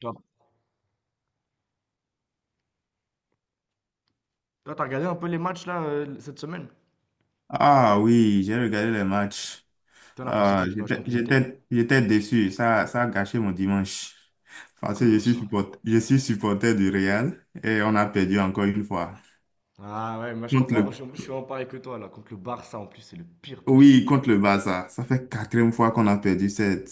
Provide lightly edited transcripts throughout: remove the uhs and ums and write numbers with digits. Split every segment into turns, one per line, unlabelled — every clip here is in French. Toi, toi, t'as regardé un peu les matchs là cette semaine?
Ah oui, j'ai regardé les matchs.
T'en as pensé
Ah,
quoi du match contre l'Inter?
j'étais déçu. Ça a gâché mon dimanche. Parce que
Comment ça?
je suis supporter du Real et on a perdu encore une fois.
Ah ouais, moi je
Contre
comprends,
le,
je suis en pareil que toi là. Contre le Barça en plus, c'est le pire
oui,
possible.
contre le Barça. Ça fait quatrième fois qu'on a perdu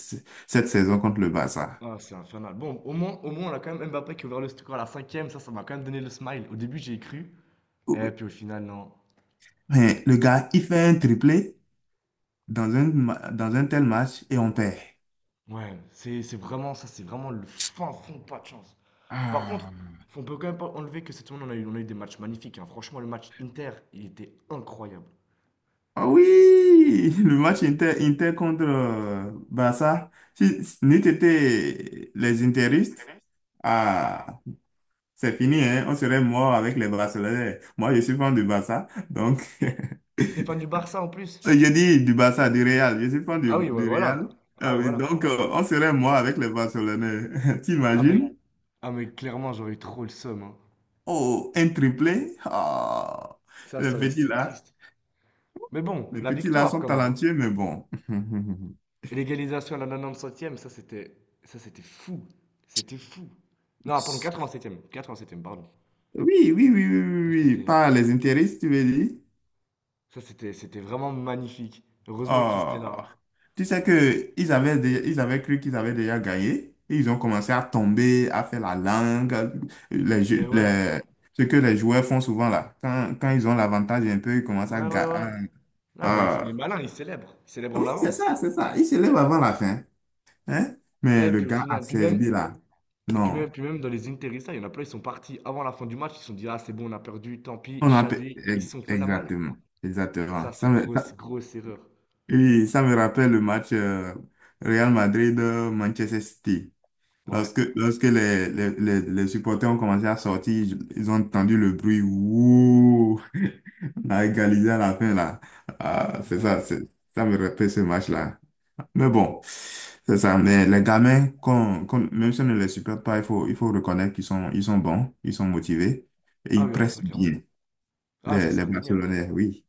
cette saison contre le Barça.
Ah, c'est infernal. Bon, au moins, on a quand même Mbappé qui a ouvert le score à la cinquième. Ça m'a quand même donné le smile. Au début, j'y ai cru. Et
Oui.
puis au final, non.
Mais le gars, il fait un triplé dans dans un tel match et on perd.
Ouais, c'est vraiment ça, c'est vraiment le fin fond, pas de chance. Par contre,
Ah.
on peut quand même pas enlever que cette semaine, on a eu des matchs magnifiques, hein. Franchement, le match Inter, il était incroyable.
Ah oui, le match Inter contre Barça. Si nous étions les Interistes, ah, c'est fini, hein, on serait mort avec les Barcelonais. Moi, je suis fan du Barça, donc
T'es fan du Barça en plus?
je dis du Barça, du Real. Je suis fan
Ah
du,
oui, ouais,
du Real.
voilà. Ah
Ah
ouais,
oui,
voilà.
donc on serait mort avec les Barcelonais.
Ah mais,
T'imagines?
génial. Ah mais clairement, j'aurais eu trop le seum, hein.
Oh, un triplé. Ah,
Ça,
les
ça,
petits
c'est
là,
triste. Mais bon,
les
la
petits là
victoire
sont
quand même, hein.
talentueux, mais bon.
Et l'égalisation à la 97e, ça c'était fou. C'était fou. Non, pardon, 87e. 87e, pardon.
Oui, oui, oui, oui,
Ça
oui, oui, oui.
c'était
Par les intérêts, tu veux dire?
ça c'était vraiment magnifique. Heureusement qu'ils étaient là,
Oh,
hein.
tu sais que ils avaient cru qu'ils avaient déjà gagné. Et ils ont commencé à tomber, à faire la langue, les,
Mais
jeux-
ouais.
les- ce que les joueurs font souvent là. Quand ils ont l'avantage un peu, ils commencent à
Ouais, ouais, ouais.
gagner.
Ah bah ils font les malins, ils célèbrent. Ils célèbrent
Oui,
en
c'est
avance.
ça, c'est ça. Ils se lèvent avant la fin. Hein? Mais
Et
le
puis au
gars a
final, puis même,
servi là.
et
Non.
puis même dans les Interista, il y en a plein, ils sont partis avant la fin du match, ils se sont dit, ah c'est bon, on a perdu, tant pis,
On a... pe-
Shadé, ils se sont fait la malle.
Exactement.
Ça,
Exactement.
c'est grosse, grosse erreur.
Oui, ça me rappelle le match Real Madrid-Manchester City.
Ouais,
Lorsque les supporters ont commencé à sortir, ils ont entendu le bruit. Ouh, on a égalisé à la fin là. Ah, c'est ça,
ouais.
ça me rappelle ce match-là. Mais bon, c'est ça. Mais les gamins, même si on ne les supporte pas, il faut reconnaître ils sont bons, ils sont motivés et
Ah
ils
oui, alors ça,
pressent
clairement.
bien.
Ah, ça,
Les,
c'est,
les
ouais, ouais, indéniable.
Barcelonais, oui,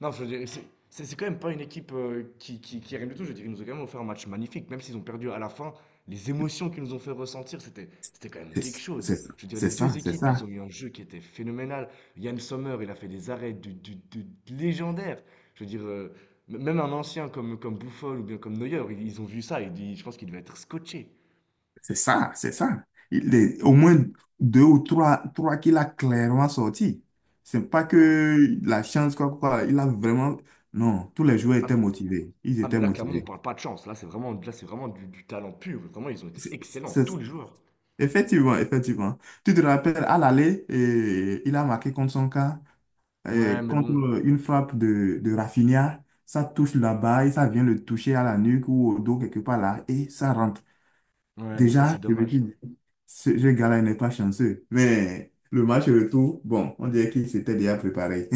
Non, je veux dire, c'est quand même pas une équipe qui est rien du tout. Je veux dire, ils nous ont quand même offert un match magnifique. Même s'ils ont perdu à la fin, les émotions qu'ils nous ont fait ressentir, c'était quand même
c'est
quelque chose.
c'est-
Je veux dire, les
c'est
deux
ça, c'est
équipes, ils
ça.
ont eu un jeu qui était phénoménal. Yann Sommer, il a fait des arrêts de légendaires. Je veux dire, même un ancien comme Buffon ou bien comme Neuer, ils ont vu ça. Je pense qu'ils devaient être scotchés.
C'est ça, c'est ça. Il est au moins deux ou trois qu'il a clairement sorti. C'est pas
Ah oui.
que la chance, quoi, quoi. Il a vraiment. Non, tous les joueurs étaient motivés. Ils
Ah,
étaient
mais là, clairement, on
motivés.
parle pas de chance. Là, c'est vraiment du talent pur. Vraiment, ils ont été
C'est-
excellents, tous
c'est-
les joueurs.
Effectivement, effectivement. Tu te rappelles, à l'aller, eh, il a marqué contre son cas,
Ouais,
eh,
mais
contre
bon.
une frappe de Rafinha. Ça touche là-bas et ça vient le toucher à la nuque ou au dos, quelque part là, et ça rentre.
Ouais, mais ça, c'est
Déjà, je me
dommage.
dis, ce gars-là n'est pas chanceux. Mais le match retour, bon, on dirait qu'il s'était déjà préparé.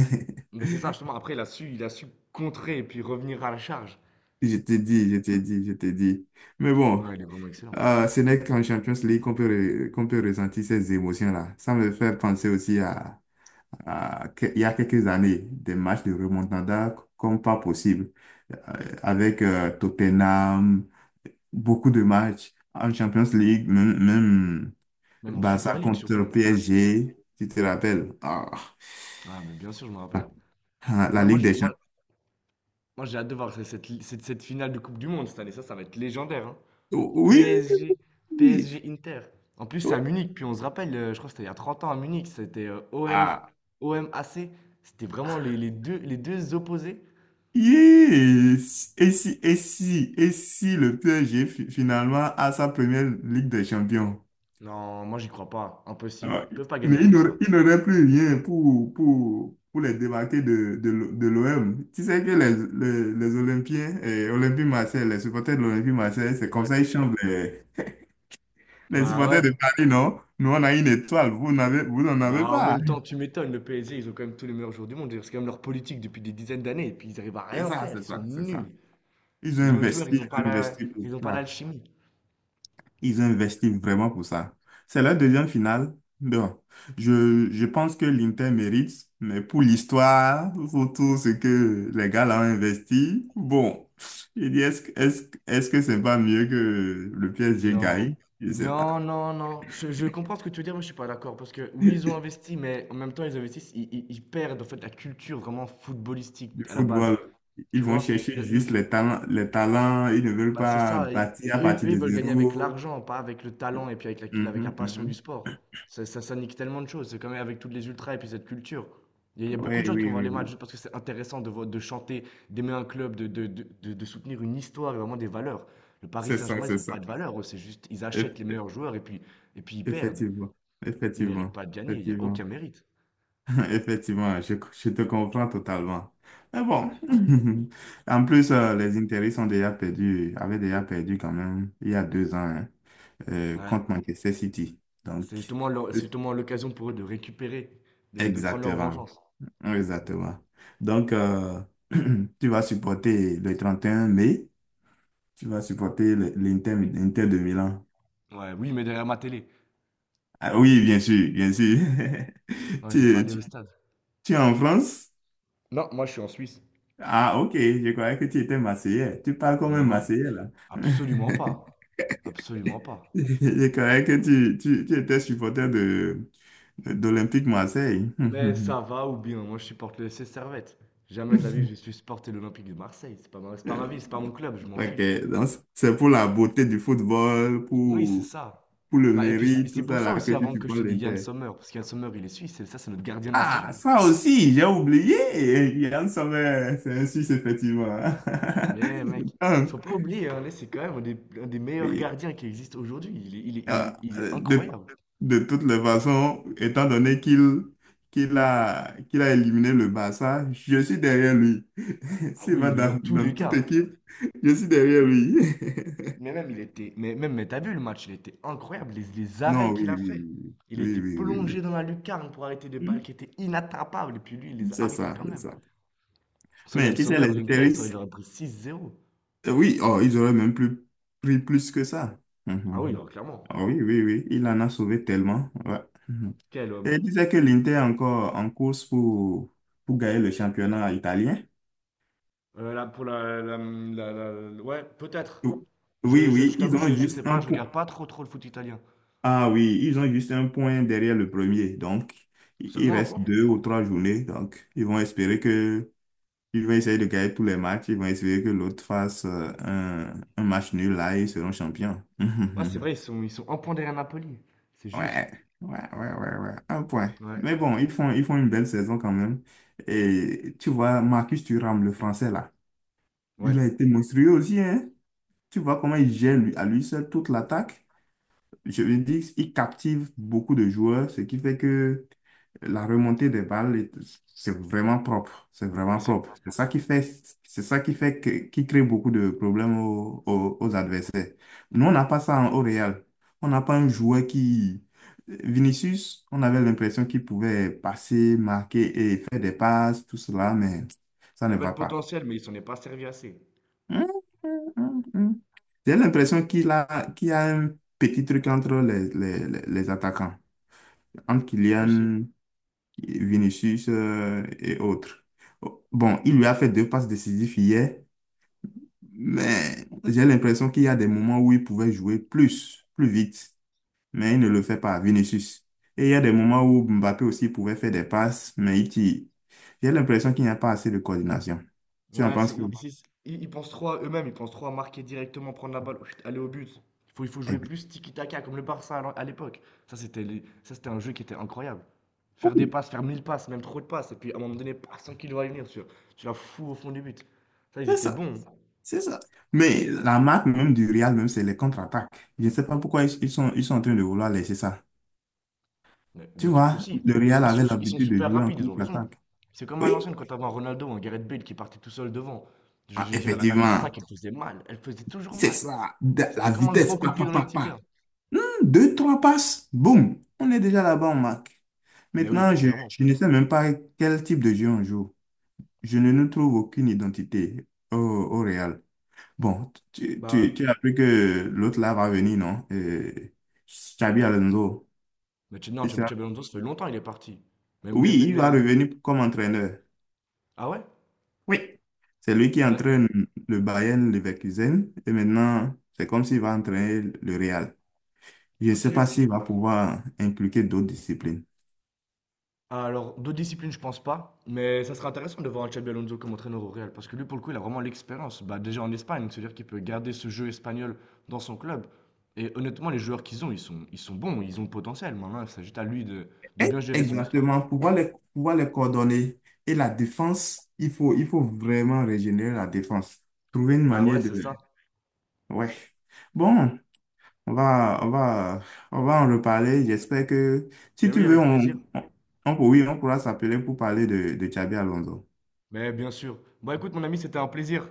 Mais c'est ça, justement. Après, il a su contrer et puis revenir à la charge.
Je t'ai dit, je t'ai dit, je t'ai dit. Mais bon,
Non, il est vraiment excellent.
ce n'est qu'en Champions League qu'on peut ressentir ces émotions-là. Ça me fait penser aussi il y a quelques années, des matchs de remontada comme pas possible. Euh, avec Tottenham, beaucoup de matchs en Champions League, même,
Même en Super
Barça
League,
contre
surtout.
PSG, tu te rappelles? Ah,
Ah, mais bien sûr, je me rappelle.
ah, la
Moi, moi,
Ligue
je-
des
moi,
Champions.
moi, j'ai hâte de voir cette finale de Coupe du Monde cette année. Ça va être légendaire, hein.
Oui,
PSG,
oui, oui.
PSG Inter. En plus, c'est
Oui.
à
Oui.
Munich. Puis on se rappelle, je crois que c'était il y a 30 ans à Munich. C'était OM,
Ah,
OMAC. C'était vraiment les deux opposés.
yes. Et si le PSG finalement a sa première Ligue des Champions?
Non, moi j'y crois pas. Impossible.
Ah,
Ils peuvent pas
mais
gagner
il
comme
n'aurait
ça.
il n'aurait plus rien pour, pour les débarquer de l'OM. Tu sais que les Olympiens, et Olympique Marseille, les supporters de l'Olympique Marseille, c'est comme
Ouais.
ça ils chantent. Les
Bah
supporters
ouais.
de Paris, non? Nous, on a une étoile, vous n'en
Bah
avez
en
pas.
même temps, tu m'étonnes, le PSG, ils ont quand même tous les meilleurs joueurs du monde. C'est quand même leur politique depuis des dizaines d'années. Et puis ils arrivent à
C'est
rien
ça,
faire. Ils
c'est
sont
ça, c'est ça.
nuls. Ils ont les joueurs,
Ils ont investi pour
ils ont pas
ça.
l'alchimie.
Ils ont investi vraiment pour ça. C'est la deuxième finale. Donc, je pense que l'Inter mérite, mais pour l'histoire, pour tout ce que les gars là ont investi, bon, je dis, est-ce que c'est pas mieux que le PSG
Non.
gagne? Je sais pas.
Non, non, non. Je comprends ce que tu veux dire, mais je suis pas d'accord. Parce que oui, ils ont investi, mais en même temps, ils investissent, ils perdent en fait la culture vraiment footballistique
Du
à la base.
football. Ils
Tu
vont
vois,
chercher
le
juste les talents, les talents. Ils ne veulent
bah, c'est
pas
ça, i
bâtir à
eux
partir
eux, ils
de
veulent gagner avec
zéro.
l'argent, pas avec le talent et puis avec la
Mhm,
passion du
mhm.
sport. Ça nique tellement de choses, c'est quand même avec toutes les ultras et puis cette culture. Il y a beaucoup de
Ouais,
gens qui vont
oui,
voir
oui,
les matchs
oui,
juste parce que c'est intéressant de chanter, d'aimer un club, de soutenir une histoire et vraiment des valeurs. Le Paris
c'est ça,
Saint-Germain, ils
c'est
ont pas
ça.
de valeurs, eux, c'est juste ils achètent les
Eff-
meilleurs joueurs et puis ils perdent.
Effectivement,
Ils ne méritent
effectivement,
pas de gagner, il y a aucun
effectivement,
mérite.
effectivement. Je te comprends totalement. Mais bon, en plus, les intérêts sont déjà perdus, avaient déjà perdu quand même il y a 2 ans hein,
Ouais,
contre Manchester City. Donc,
c'est justement l'occasion pour eux de récupérer, de prendre leur
exactement.
vengeance.
Oui, exactement. Donc, tu vas supporter le 31 mai, tu vas supporter le- l'Inter, l'Inter de Milan.
Ouais, oui, mais derrière ma télé.
Ah, oui, bien sûr, bien sûr.
Hein, je vais pas
Tu,
aller au
tu-
stade.
tu es en France?
Non, moi je suis en Suisse.
Ah, ok, je croyais que tu étais Marseillais. Tu parles comme un
Non,
Marseillais, là.
absolument pas. Absolument pas.
Je croyais que tu étais supporter d'Olympique Marseille.
Mais ça va ou bien, moi je supporte le FC Servette. Jamais de la vie je suis supporté l'Olympique de Marseille. C'est pas ma ville, c'est pas mon club, je m'en
Ok,
fiche.
donc c'est pour la beauté du football,
Oui, c'est ça.
pour le
Bah, et puis c'est
mairie,
c'est
tout
pour
ça
ça
là que
aussi
tu
avant que je
supportes
te dise Yann
l'Inter.
Sommer, parce qu'Yann Sommer il est suisse, et ça c'est notre gardien
Ah,
national.
ça aussi, j'ai oublié. Yann Sommer, c'est un Suisse, effectivement.
Mais mec, faut pas
Donc,
oublier, hein, c'est quand même un des meilleurs
oui,
gardiens qui existe aujourd'hui. Il est, il est- il
euh,
est- il est
de,
incroyable.
de toutes les façons, étant donné qu'il a éliminé le Barça, je suis derrière lui.
Ah
S'il
oui,
va
mais dans tous
dans
les
toute
cas,
équipe, je suis derrière lui.
mais même, il était. Mais même, mais t'as vu le match, il était incroyable. Les arrêts
Non,
qu'il
oui,
a
oui,
fait. Il
oui,
était
oui, oui, oui,
plongé
oui.
dans la lucarne pour arrêter des balles
Oui.
qui étaient inattrapables. Et puis lui, il
Hmm,
les a
c'est
arrêtés
ça,
quand
c'est
même.
ça.
Sans
Mais
Yann
tu sais,
Sommer,
les
l'Inter,
intérêts.
ça, il aurait pris 6-0.
Oui, oh, ils auraient même plus pris plus que ça.
Ah oui,
Mhm.
alors, clairement.
Ah oui, oui, oui, il en a sauvé tellement. Ouais. Mhm.
Quel
Et
homme.
il disait que l'Inter est encore en course pour, gagner le championnat italien.
Là, pour la, la- la- la- la- ouais, peut-être.
Ou- Oui,
Je
oui, ils
t'avoue,
ont
je sais
juste un
pas, je
point.
regarde pas trop trop le foot italien.
Ah oui, ils ont juste un point derrière le premier. Donc, il
Seulement un
reste
point.
deux ou trois journées. Donc, ils vont essayer de gagner tous les matchs. Ils vont espérer que l'autre fasse un match nul là et ils seront champions.
Ouais, c'est vrai, ils sont, un point derrière Napoli. C'est juste.
Ouais, ouais, ouais, ouais, ouais, un point.
Ouais,
Mais bon, ils font une belle saison quand même. Et tu vois, Marcus Thuram, le français là,
ouais.
il a été monstrueux aussi, hein. Tu vois comment il gère à lui seul toute l'attaque. Je veux dire, il captive beaucoup de joueurs, ce qui fait que la remontée des balles, c'est vraiment propre. C'est
Mais
vraiment
c'est...
propre. C'est ça qui fait que, qui crée beaucoup de problèmes aux adversaires. Nous, on n'a pas ça au Real. On n'a pas un joueur qui... Vinicius, on avait l'impression qu'il pouvait passer, marquer et faire des passes, tout cela, mais ça
Il
ne
avait
va
le
pas.
potentiel, mais il s'en est pas servi assez.
Hum, hum, hum, hum. J'ai l'impression qu'il y a un petit truc entre les attaquants, entre
C'est possible.
Kylian, Vinicius et autres. Bon, il lui a fait deux passes décisives hier, mais j'ai l'impression qu'il y a des moments où il pouvait jouer plus vite, mais il ne le fait pas, Vinicius. Et il y a des moments où Mbappé aussi pouvait faire des passes, mais il tire. J'ai l'impression qu'il n'y a pas assez de coordination. Tu en
Ouais,
penses
c'est, ils,
quoi?
c'est- ils- ils pensent trop à eux-mêmes, ils pensent trop à marquer directement, prendre la balle, oh, chut, aller au but. Il faut jouer
Ex-
plus tiki-taka, comme le Barça à l'époque. Ça, c'était un jeu qui était incroyable. Faire des
Oui.
passes, faire 1000 passes, même trop de passes, et puis à un moment donné, paf, sans qu'il va y venir, tu la fous au fond du but. Ça, ils étaient bons.
C'est ça. Mais la marque même du Real, même, c'est les contre-attaques. Je ne sais pas pourquoi ils sont en train de vouloir laisser ça.
Mais
Tu
bien sûr que
vois,
si.
le
Ils,
Real
ils
avait
sont, ils sont
l'habitude de
super
jouer en
rapides, ils ont raison.
contre-attaque.
C'est comme à
Oui,
l'ancienne, quand t'avais un Ronaldo ou un Gareth Bale qui partait tout seul devant. Je,
ah,
je dirais, la
effectivement.
contre-attaque, elle faisait mal. Elle faisait toujours
C'est
mal.
ça. La
C'était comme un
vitesse,
grand coup
pa,
de pied
pa,
dans
pa,
les tibias.
pa. Hmm, deux, trois passes, boum. On est déjà là-bas, on marque.
Mais oui,
Maintenant,
mais clairement.
je ne sais même pas quel type de jeu on joue. Je ne nous trouve aucune identité au Real. Bon,
Bah,
tu as appris que l'autre là va venir, non? Xabi Alonso.
Mais Che- non,
Il
Che-
sera-
Che Belhonzo, ça fait longtemps, il est parti. Mais, mais,
Oui,
mais,
il va
mais-
revenir comme entraîneur.
ah ouais?
Oui. C'est lui qui
Mais- mais-
entraîne le Bayern Leverkusen et maintenant, c'est comme s'il va entraîner le Real. Je ne
ok,
sais pas
ok.
s'il va pouvoir impliquer d'autres disciplines.
Alors, d'autres disciplines, je pense pas. Mais ça serait intéressant de voir un Xabi Alonso comme entraîneur au Real. Parce que lui, pour le coup, il a vraiment l'expérience. Bah, déjà en Espagne, c'est-à-dire qu'il peut garder ce jeu espagnol dans son club. Et honnêtement, les joueurs qu'ils ont, ils sont, bons, ils ont le potentiel. Maintenant, il s'agit à lui de bien gérer son histoire.
Exactement, pouvoir pouvoir les coordonner. Et la défense, il faut vraiment régénérer la défense. Trouver une
Bah ouais,
manière
c'est ça.
de... Ouais. Bon, On va, on va, on va en reparler. J'espère que si
Mais
tu
oui,
veux,
avec plaisir.
on, oui, on pourra s'appeler pour parler de Xabi Alonso.
Mais bien sûr. Bon, écoute, mon ami, c'était un plaisir.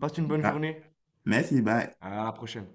Passe une bonne
Ah,
journée.
merci, bye.
À la prochaine.